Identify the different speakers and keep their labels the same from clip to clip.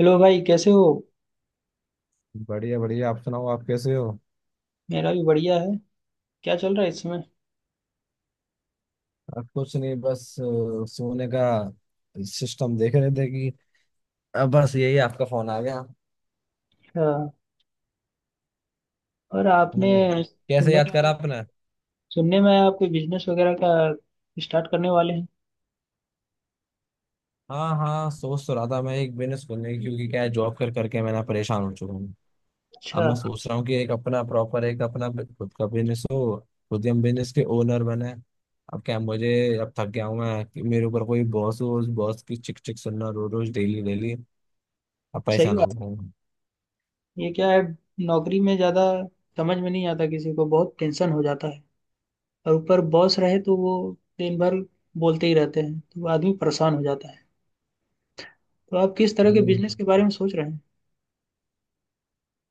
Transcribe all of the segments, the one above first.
Speaker 1: Hello भाई कैसे हो।
Speaker 2: बढ़िया बढ़िया आप सुनाओ आप कैसे हो।
Speaker 1: मेरा भी बढ़िया है। क्या चल रहा है इस समय।
Speaker 2: आप कुछ नहीं बस सोने का सिस्टम देख रहे थे कि अब बस यही आपका फोन आ गया।
Speaker 1: हाँ, और आपने
Speaker 2: हम्म। कैसे
Speaker 1: सुनने
Speaker 2: याद
Speaker 1: में आया
Speaker 2: करा
Speaker 1: कि-
Speaker 2: आपने।
Speaker 1: सुनने में आया आपको बिजनेस वगैरह का स्टार्ट करने वाले हैं।
Speaker 2: हाँ हाँ सोच तो रहा था मैं एक बिजनेस खोलने की क्योंकि क्या है जॉब कर करके मैं ना परेशान हो चुका हूँ। अब
Speaker 1: अच्छा।
Speaker 2: मैं सोच रहा हूँ कि एक अपना प्रॉपर खुद का बिजनेस हो। खुद ही हम बिजनेस के ओनर बने। अब क्या है, मुझे अब थक गया हूँ मैं कि मेरे ऊपर कोई बॉस हो बॉस की चिक चिक सुनना रोज रोज डेली डेली अब
Speaker 1: सही
Speaker 2: परेशान हो
Speaker 1: बात
Speaker 2: गया हूँ।
Speaker 1: है। ये क्या है नौकरी में ज़्यादा समझ में नहीं आता, किसी को बहुत टेंशन हो जाता है। और ऊपर बॉस रहे तो वो दिन भर बोलते ही रहते हैं तो आदमी परेशान हो जाता है। तो आप किस तरह के
Speaker 2: हम्म।
Speaker 1: बिजनेस के बारे में सोच रहे हैं।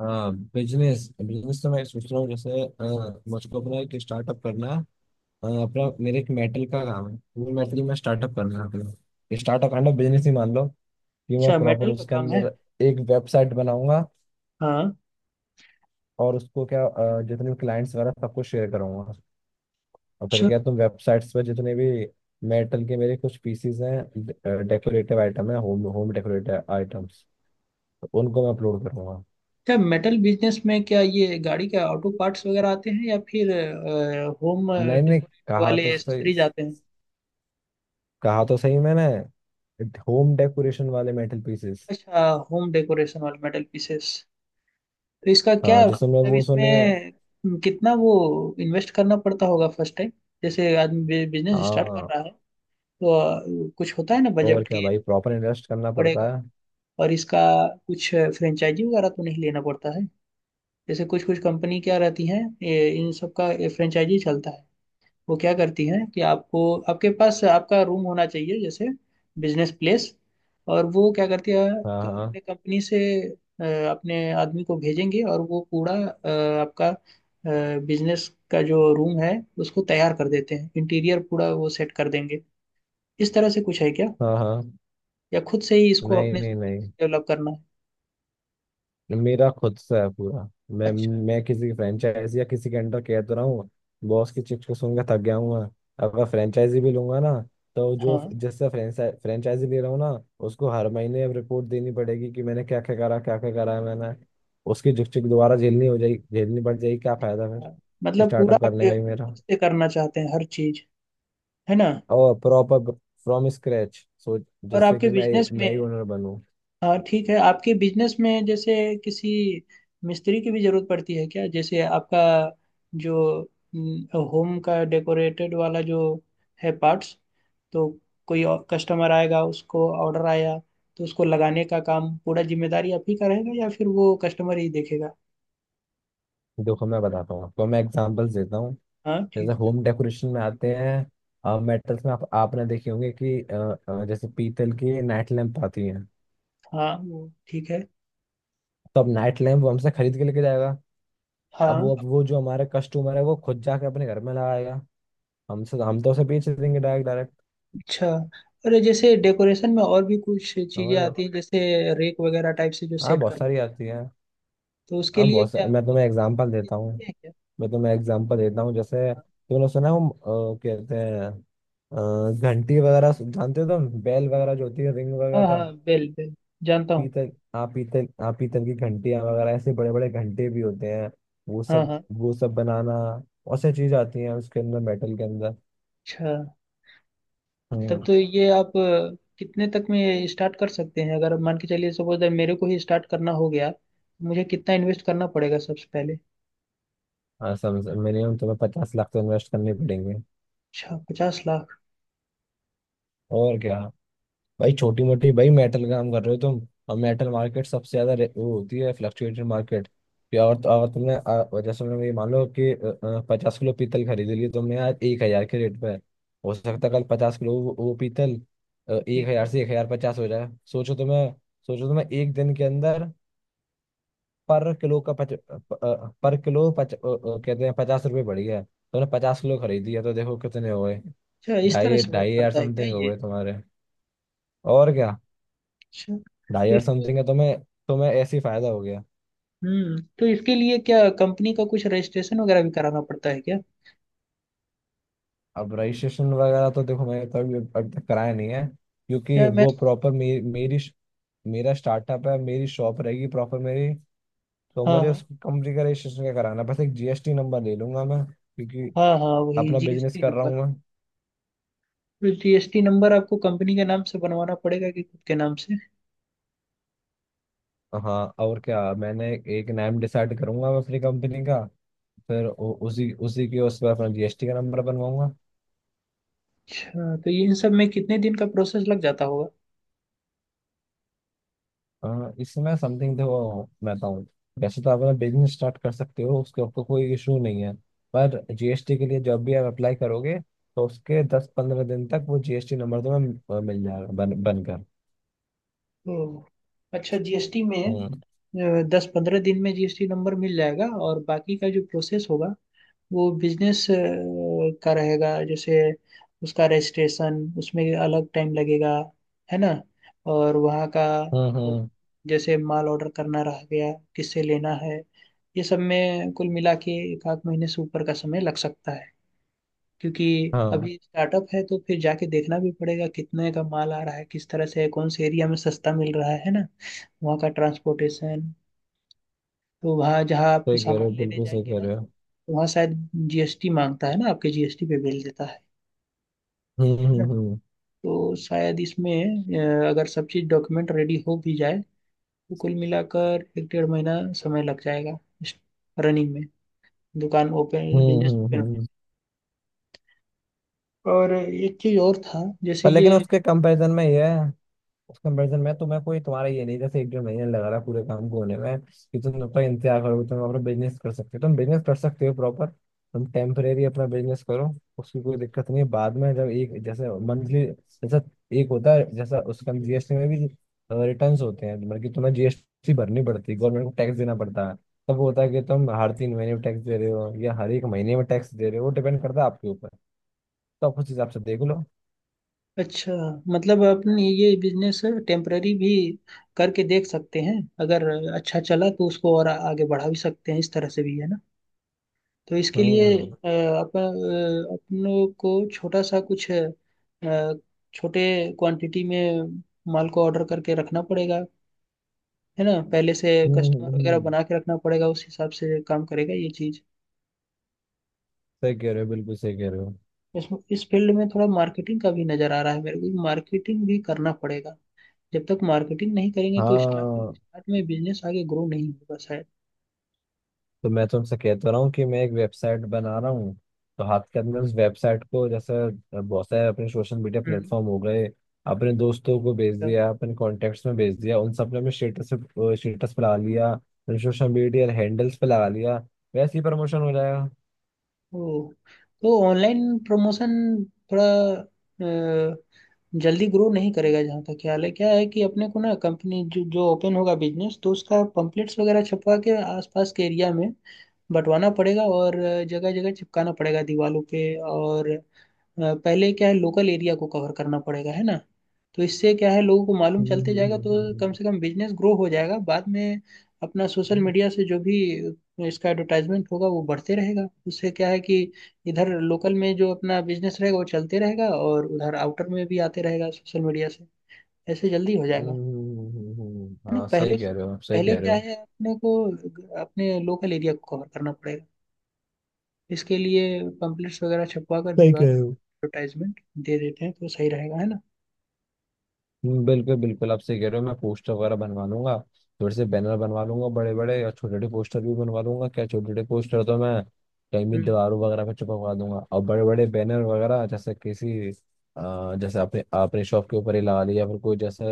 Speaker 2: हाँ बिजनेस बिजनेस तो मैं सोच रहा हूँ जैसे मुझको अपना एक स्टार्टअप करना है। अपना मेरे एक मेटल का काम है वो मेटल में स्टार्टअप करना है अपना स्टार्टअप काइंड ऑफ बिजनेस ही मान लो कि मैं
Speaker 1: अच्छा,
Speaker 2: प्रॉपर
Speaker 1: मेटल का
Speaker 2: उसके
Speaker 1: काम है।
Speaker 2: अंदर एक वेबसाइट बनाऊंगा।
Speaker 1: हाँ।
Speaker 2: और उसको क्या जितने भी क्लाइंट्स वगैरह सबको शेयर करूंगा। और फिर क्या तुम वेबसाइट्स पर जितने भी मेटल के मेरे कुछ पीसीज हैं डेकोरेटिव आइटम है होम होम डेकोरेटिव आइटम्स उनको मैं अपलोड करूंगा।
Speaker 1: क्या मेटल बिजनेस में क्या ये गाड़ी के ऑटो पार्ट्स वगैरह आते हैं या फिर होम
Speaker 2: नहीं नहीं।
Speaker 1: डेकोरेट
Speaker 2: कहा
Speaker 1: वाले
Speaker 2: तो सही
Speaker 1: एसेसरीज आते हैं।
Speaker 2: कहा तो सही मैंने। होम डेकोरेशन वाले मेटल पीसेस।
Speaker 1: अच्छा, होम डेकोरेशन वाले मेटल पीसेस। तो इसका
Speaker 2: हाँ
Speaker 1: क्या
Speaker 2: जिसमें
Speaker 1: मतलब
Speaker 2: वो
Speaker 1: इसमें।
Speaker 2: सुने।
Speaker 1: कितना वो इन्वेस्ट करना पड़ता होगा फर्स्ट टाइम, जैसे आदमी बिजनेस स्टार्ट कर
Speaker 2: हाँ
Speaker 1: रहा है। तो कुछ होता है ना
Speaker 2: और
Speaker 1: बजट
Speaker 2: क्या
Speaker 1: की।
Speaker 2: भाई प्रॉपर इन्वेस्ट करना
Speaker 1: पड़ेगा।
Speaker 2: पड़ता है।
Speaker 1: और इसका कुछ फ्रेंचाइजी वगैरह तो नहीं लेना पड़ता है, जैसे कुछ कुछ कंपनी क्या रहती हैं ये इन सब का फ्रेंचाइजी चलता है। वो क्या करती हैं कि आपको, आपके पास आपका रूम होना चाहिए, जैसे बिजनेस प्लेस। और वो क्या करती है
Speaker 2: हाँ हाँ
Speaker 1: अपने कंपनी से अ, अपने आदमी को भेजेंगे, और वो पूरा आपका बिजनेस का जो रूम है उसको तैयार कर देते हैं, इंटीरियर पूरा वो सेट कर देंगे। इस तरह से कुछ है क्या,
Speaker 2: हाँ हाँ।
Speaker 1: या खुद से ही इसको
Speaker 2: नहीं
Speaker 1: अपने से
Speaker 2: नहीं नहीं।
Speaker 1: डेवलप करना है।
Speaker 2: मेरा खुद सा है पूरा। मैं
Speaker 1: अच्छा।
Speaker 2: मैं किसी की फ्रेंचाइज या किसी के अंडर कह तो रहा हूँ। बॉस की चिप्स को सुनकर थक गया हूँ मैं। अगर फ्रेंचाइजी भी लूंगा ना तो जो
Speaker 1: हाँ
Speaker 2: जिससे फ्रेंचाइजी ले रहा हूँ ना उसको हर महीने अब रिपोर्ट देनी पड़ेगी कि मैंने क्या क्या करा है मैंने। उसकी झुकझुक दोबारा झेलनी हो जाएगी झेलनी पड़ जाएगी क्या फायदा
Speaker 1: हाँ।
Speaker 2: फिर
Speaker 1: मतलब पूरा
Speaker 2: स्टार्टअप करने
Speaker 1: आपके
Speaker 2: का ही
Speaker 1: खुद
Speaker 2: मेरा।
Speaker 1: से करना चाहते हैं हर चीज, है ना।
Speaker 2: और प्रॉपर फ्रॉम स्क्रैच सो
Speaker 1: और
Speaker 2: जिससे
Speaker 1: आपके
Speaker 2: कि मैं
Speaker 1: बिजनेस
Speaker 2: मैं ही
Speaker 1: में,
Speaker 2: ओनर बनूं।
Speaker 1: हाँ ठीक है, आपके बिजनेस में जैसे किसी मिस्त्री की भी जरूरत पड़ती है क्या, जैसे आपका जो होम का डेकोरेटेड वाला जो है पार्ट्स, तो कोई कस्टमर आएगा उसको ऑर्डर आया तो उसको लगाने का काम पूरा जिम्मेदारी आप ही का रहेगा या फिर वो कस्टमर ही देखेगा।
Speaker 2: देखो मैं बताता हूँ आपको मैं एग्जांपल्स देता हूँ।
Speaker 1: हाँ
Speaker 2: जैसे
Speaker 1: ठीक।
Speaker 2: होम डेकोरेशन में आते हैं मेटल्स में आप आपने देखे होंगे कि जैसे पीतल की नाइट लैंप आती हैं।
Speaker 1: हाँ वो ठीक है।
Speaker 2: तो अब नाइट लैंप वो हमसे खरीद के लेके जाएगा। अब
Speaker 1: हाँ।
Speaker 2: वो जो हमारा कस्टमर है वो खुद जाके अपने घर में लगाएगा। हमसे हम तो उसे बेच देंगे डायरेक्ट डायरेक्ट।
Speaker 1: अच्छा। अरे जैसे डेकोरेशन में और भी कुछ चीजें
Speaker 2: समझ गए।
Speaker 1: आती हैं, जैसे रेक वगैरह टाइप से जो
Speaker 2: हाँ
Speaker 1: सेट
Speaker 2: बहुत
Speaker 1: कर,
Speaker 2: सारी आती है।
Speaker 1: तो उसके
Speaker 2: हाँ
Speaker 1: लिए
Speaker 2: बहुत
Speaker 1: क्या
Speaker 2: सारी मैं
Speaker 1: आप
Speaker 2: तुम्हें एग्जाम्पल देता हूँ
Speaker 1: देते हैं क्या। हाँ।
Speaker 2: मैं तुम्हें एग्जाम्पल देता हूँ जैसे तुमने सुना है वो कहते हैं घंटी वगैरह जानते हो तुम बेल वगैरह जो होती है रिंग
Speaker 1: हाँ
Speaker 2: वगैरह।
Speaker 1: हाँ बेल बेल जानता हूँ।
Speaker 2: पीतल हाँ पीतल हाँ पीतल की घंटियां वगैरह ऐसे बड़े बड़े घंटे भी होते हैं। वो
Speaker 1: हाँ
Speaker 2: सब
Speaker 1: हाँ।
Speaker 2: वो सब बनाना और सारी चीज आती हैं उसके अंदर मेटल के अंदर।
Speaker 1: अच्छा, तब
Speaker 2: हम्म
Speaker 1: तो ये आप कितने तक में स्टार्ट कर सकते हैं, अगर मान के चलिए सपोज दैट मेरे को ही स्टार्ट करना हो गया तो मुझे कितना इन्वेस्ट करना पड़ेगा सबसे पहले।
Speaker 2: हाँ समझ मिनिमम तुम्हें 50 लाख तो इन्वेस्ट करने पड़ेंगे।
Speaker 1: अच्छा, 50 लाख।
Speaker 2: और क्या भाई छोटी मोटी भाई मेटल का काम कर रहे हो तुम। और मेटल मार्केट सबसे ज्यादा वो होती है फ्लक्चुएटेड मार्केट। कि और तो और
Speaker 1: अ,
Speaker 2: तुमने जैसे मैंने ये मान लो कि 50 किलो पीतल खरीद लिया तुमने आज 1,000 के रेट पे। हो सकता है कल 50 किलो वो पीतल एक
Speaker 1: ठीक
Speaker 2: हजार
Speaker 1: है।
Speaker 2: से 1,050 हो जाए। सोचो तुम्हें एक दिन के अंदर पर किलो का पच, प, अ, पर किलो कहते हैं 50 रुपये बढ़ गया तुमने 50 किलो खरीदी है तो देखो कितने हो गए।
Speaker 1: अच्छा, इस तरह
Speaker 2: ढाई
Speaker 1: से वर्क
Speaker 2: ढाई हजार
Speaker 1: करता है क्या
Speaker 2: समथिंग हो
Speaker 1: ये।
Speaker 2: गए तुम्हारे। और क्या
Speaker 1: अच्छा
Speaker 2: ढाई
Speaker 1: तो
Speaker 2: हजार
Speaker 1: इसको।
Speaker 2: समथिंग है तो मैं ऐसे ही फायदा हो गया।
Speaker 1: हम्म, तो इसके लिए क्या कंपनी का कुछ रजिस्ट्रेशन वगैरह भी कराना पड़ता है क्या।
Speaker 2: अब रजिस्ट्रेशन वगैरह तो देखो मैंने कभी अब तक कराया नहीं है क्योंकि
Speaker 1: क्या मैं।
Speaker 2: वो प्रॉपर मे, मेरी मेरा स्टार्टअप है मेरी शॉप रहेगी प्रॉपर मेरी। तो
Speaker 1: हाँ
Speaker 2: मुझे
Speaker 1: हाँ।
Speaker 2: उस कंपनी का रजिस्ट्रेशन का कराना है। बस एक जीएसटी नंबर ले लूंगा मैं क्योंकि
Speaker 1: हाँ हाँ, वही
Speaker 2: अपना बिजनेस
Speaker 1: जीएसटी
Speaker 2: कर रहा
Speaker 1: नंबर।
Speaker 2: हूँ मैं।
Speaker 1: तो जीएसटी नंबर आपको कंपनी के नाम से बनवाना पड़ेगा कि खुद के नाम से।
Speaker 2: हाँ और क्या मैंने एक नाम डिसाइड करूंगा मैं अपनी कंपनी का फिर उ- उसी उसी के उस पर अपना जीएसटी का नंबर बनवाऊंगा।
Speaker 1: अच्छा, तो ये इन सब में कितने दिन का प्रोसेस लग जाता होगा।
Speaker 2: इसमें समथिंग देखो मैं बताऊँ वैसे तो आप अपना बिजनेस स्टार्ट कर सकते हो उसके आपको कोई इशू नहीं है। पर जीएसटी के लिए जब भी आप अप्लाई करोगे तो उसके 10-15 दिन तक वो जीएसटी नंबर तुम्हें मिल जाएगा बन बनकर।
Speaker 1: हम्म। अच्छा, जीएसटी में
Speaker 2: हम्म
Speaker 1: 10 15 दिन में जीएसटी नंबर मिल जाएगा, और बाकी का जो प्रोसेस होगा वो बिजनेस का रहेगा, जैसे उसका रजिस्ट्रेशन उसमें अलग टाइम लगेगा, है ना। और वहाँ का
Speaker 2: हम्म हम्म,
Speaker 1: जैसे माल ऑर्डर करना रह गया किससे लेना है, ये सब में कुल मिला के एक आध महीने से ऊपर का समय लग सकता है, क्योंकि
Speaker 2: हाँ
Speaker 1: अभी स्टार्टअप है तो फिर जाके देखना भी पड़ेगा कितने का माल आ रहा है, किस तरह से है, कौन से एरिया में सस्ता मिल रहा है ना। वहाँ का ट्रांसपोर्टेशन, तो वहाँ जहाँ आप
Speaker 2: सही कह रहे हो
Speaker 1: सामान लेने
Speaker 2: बिल्कुल सही
Speaker 1: जाएंगे
Speaker 2: कह
Speaker 1: ना,
Speaker 2: रहे हो।
Speaker 1: तो वहाँ शायद जीएसटी मांगता है ना, आपके जीएसटी पे बिल देता है
Speaker 2: हम्म
Speaker 1: है ना।
Speaker 2: हम्म हम्म
Speaker 1: तो शायद इसमें अगर सब चीज़ डॉक्यूमेंट रेडी हो भी जाए तो कुल मिलाकर एक डेढ़ महीना समय लग जाएगा रनिंग में, दुकान ओपन, बिजनेस ओपन होने में।
Speaker 2: हम्म।
Speaker 1: और एक चीज़ और था जैसे
Speaker 2: पर लेकिन
Speaker 1: ये।
Speaker 2: उसके कंपैरिजन में ये है उस कंपेरिजन में तुम्हें कोई तुम्हारा ये नहीं जैसे एक डेढ़ महीने लगा रहा पूरे काम को होने में कि तुम जब तक इंतजार करोगे तुम अपना बिजनेस कर सकते हो तुम बिजनेस कर सकते हो प्रॉपर। तुम टेम्परेरी अपना बिजनेस करो उसकी कोई दिक्कत नहीं है बाद में जब एक जैसे मंथली जैसा एक होता है जैसा उसका जीएसटी में भी रिटर्न्स होते हैं मतलब कि तुम्हें जीएसटी भरनी पड़ती है गवर्नमेंट को टैक्स देना पड़ता है। तब वो होता है कि तुम हर 3 महीने में टैक्स दे रहे हो या हर एक महीने में टैक्स दे रहे हो वो डिपेंड करता है आपके ऊपर। तो आप उस हिसाब से देख लो।
Speaker 1: अच्छा, मतलब अपन ये बिजनेस टेम्पररी भी करके देख सकते हैं, अगर अच्छा चला तो उसको और आगे बढ़ा भी सकते हैं, इस तरह से भी, है ना। तो इसके
Speaker 2: हम्म
Speaker 1: लिए
Speaker 2: हम्म
Speaker 1: अपन अपनों को छोटा सा कुछ छोटे क्वांटिटी में माल को ऑर्डर करके रखना पड़ेगा, है ना, पहले से
Speaker 2: हम्म,
Speaker 1: कस्टमर वगैरह
Speaker 2: हम्म।
Speaker 1: बना के रखना पड़ेगा, उस हिसाब से काम करेगा ये चीज।
Speaker 2: सही कह रहे हो बिल्कुल सही कह रहे हो।
Speaker 1: इस इस फील्ड में थोड़ा मार्केटिंग का भी नजर आ रहा है मेरे को, मार्केटिंग भी करना पड़ेगा। जब तक मार्केटिंग नहीं करेंगे तो स्टार्ट
Speaker 2: हाँ
Speaker 1: स्टार्ट में बिजनेस आगे ग्रो नहीं होगा शायद।
Speaker 2: तो मैं तुमसे कह तो रहा हूँ कि मैं एक वेबसाइट बना रहा हूँ। तो हाथ के अंदर उस वेबसाइट को जैसे बहुत सारे अपने सोशल मीडिया
Speaker 1: हम्म।
Speaker 2: प्लेटफॉर्म हो गए। अपने दोस्तों को भेज
Speaker 1: अच्छा।
Speaker 2: दिया अपने कॉन्टेक्ट्स में भेज दिया उन सब ने हमें स्टेटस स्टेटस पे लगा लिया अपने सोशल मीडिया हैंडल्स पे लगा लिया। वैसे ही प्रमोशन हो जाएगा।
Speaker 1: ओ, तो ऑनलाइन प्रमोशन थोड़ा अ, जल्दी ग्रो नहीं करेगा जहाँ तक ख्याल है। क्या है कि अपने को ना कंपनी जो जो ओपन होगा बिजनेस, तो उसका पम्पलेट्स वगैरह छपवा के आसपास के एरिया में बंटवाना पड़ेगा, और जगह जगह चिपकाना पड़ेगा दीवारों पे। और पहले क्या है लोकल एरिया को कवर करना पड़ेगा, है ना। तो इससे क्या है लोगों को मालूम चलते
Speaker 2: हम्म
Speaker 1: जाएगा, तो
Speaker 2: हम्म
Speaker 1: कम से कम बिजनेस ग्रो हो जाएगा। बाद में अपना सोशल
Speaker 2: हम्म
Speaker 1: मीडिया से जो भी इसका एडवर्टाइजमेंट होगा वो बढ़ते रहेगा, उससे क्या है कि इधर लोकल में जो अपना बिजनेस रहेगा वो चलते रहेगा, और उधर आउटर में भी आते रहेगा सोशल मीडिया से, ऐसे जल्दी हो जाएगा। है ना,
Speaker 2: हाँ
Speaker 1: पहले
Speaker 2: सही कह रहे हो आप सही
Speaker 1: पहले
Speaker 2: कह रहे
Speaker 1: क्या
Speaker 2: हो
Speaker 1: है अपने को अपने लोकल एरिया को कवर करना पड़ेगा, इसके लिए पम्पलेट्स वगैरह छपवा कर
Speaker 2: सही
Speaker 1: दीवार
Speaker 2: कह रहे हो।
Speaker 1: एडवर्टाइजमेंट दे देते हैं तो सही रहेगा, है ना।
Speaker 2: बिल्कुल बिल्कुल आप सही कह रहे हो मैं पोस्टर वगैरह बनवा लूंगा। थोड़े से बैनर बनवा लूंगा बड़े बड़े और छोटे छोटे पोस्टर भी बनवा लूंगा क्या छोटे छोटे पोस्टर तो मैं कहीं भी
Speaker 1: हम्म,
Speaker 2: दीवारों वगैरह पे चिपकवा दूंगा और बड़े बड़े बैनर वगैरह जैसे किसी जैसे आपने आपने शॉप के ऊपर ही लगा लिया फिर कोई जैसे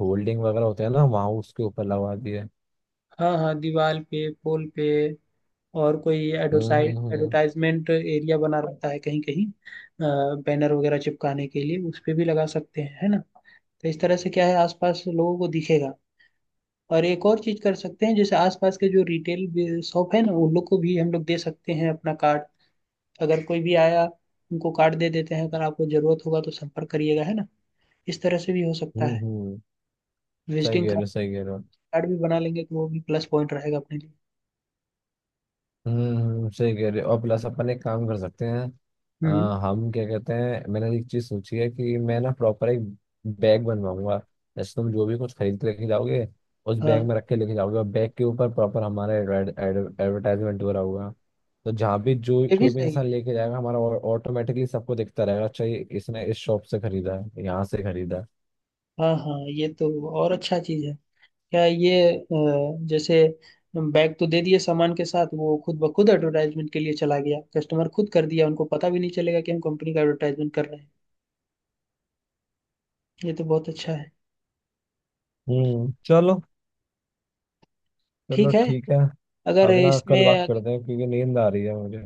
Speaker 2: होल्डिंग वगैरह होते हैं ना वहाँ उसके ऊपर लगा दिए।
Speaker 1: हाँ हाँ, दीवार पे, पोल पे, और कोई
Speaker 2: हम्म
Speaker 1: एडवर्टाइज
Speaker 2: हम्म हम्म
Speaker 1: एडवर्टाइजमेंट एरिया बना रहता है कहीं कहीं बैनर वगैरह चिपकाने के लिए, उस पे भी लगा सकते हैं, है ना। तो इस तरह से क्या है आसपास लोगों को दिखेगा। और एक और चीज कर सकते हैं, जैसे आसपास के जो रिटेल शॉप है ना, उन लोग को भी हम लोग दे सकते हैं अपना कार्ड, अगर कोई भी आया उनको कार्ड दे देते हैं, अगर आपको जरूरत होगा तो संपर्क करिएगा, है ना, इस तरह से भी हो सकता
Speaker 2: हम्म
Speaker 1: है।
Speaker 2: हम्म, सही कह
Speaker 1: विजिटिंग
Speaker 2: रहे हो सही कह रहे हो।
Speaker 1: कार्ड भी बना लेंगे तो वो भी प्लस पॉइंट रहेगा अपने लिए।
Speaker 2: सही कह रहे हो और प्लस अपन एक काम कर सकते हैं अ,
Speaker 1: हम्म।
Speaker 2: हम क्या कहते हैं मैंने एक चीज सोची है कि मैं ना प्रॉपर एक बैग बनवाऊंगा। जैसे तुम जो भी कुछ खरीद के लेके जाओगे उस
Speaker 1: हाँ,
Speaker 2: बैग में रख के लेके जाओगे और बैग के ऊपर प्रॉपर हमारा एडवर्टाइजमेंट हो रहा होगा। तो जहाँ भी जो
Speaker 1: ये भी
Speaker 2: कोई भी
Speaker 1: सही
Speaker 2: इंसान
Speaker 1: है।
Speaker 2: लेके जाएगा हमारा ऑटोमेटिकली सबको दिखता रहेगा अच्छा ये इसने इस शॉप से खरीदा है यहाँ से खरीदा है।
Speaker 1: हाँ हाँ, ये तो और अच्छा चीज है क्या ये। जैसे बैग तो दे दिए सामान के साथ, वो खुद ब खुद एडवर्टाइजमेंट के लिए चला गया, कस्टमर खुद कर दिया, उनको पता भी नहीं चलेगा कि हम कंपनी का एडवर्टाइजमेंट कर रहे हैं। ये तो बहुत अच्छा है।
Speaker 2: चलो चलो
Speaker 1: ठीक है।
Speaker 2: ठीक है।
Speaker 1: अगर
Speaker 2: अब ना
Speaker 1: इसमें
Speaker 2: कल बात
Speaker 1: अगर,
Speaker 2: करते हैं क्योंकि नींद आ रही है मुझे।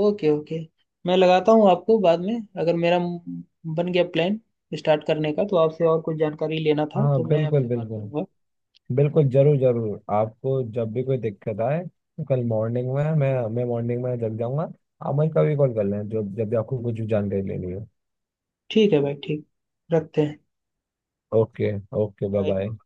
Speaker 1: ओके ओके, मैं लगाता हूँ आपको बाद में। अगर मेरा बन गया प्लान स्टार्ट करने का तो आपसे और कुछ जानकारी लेना था
Speaker 2: हाँ
Speaker 1: तो मैं
Speaker 2: बिल्कुल
Speaker 1: आपसे बात
Speaker 2: बिल्कुल
Speaker 1: करूंगा।
Speaker 2: बिल्कुल जरूर जरूर आपको जब भी कोई दिक्कत आए तो कल मॉर्निंग में मैं मॉर्निंग में जग जाऊंगा। आप मुझे कभी कॉल कर लें जो जब भी आपको कुछ जानकारी लेनी हो।
Speaker 1: ठीक है भाई, ठीक, रखते हैं।
Speaker 2: Okay okay bye bye.
Speaker 1: Bye.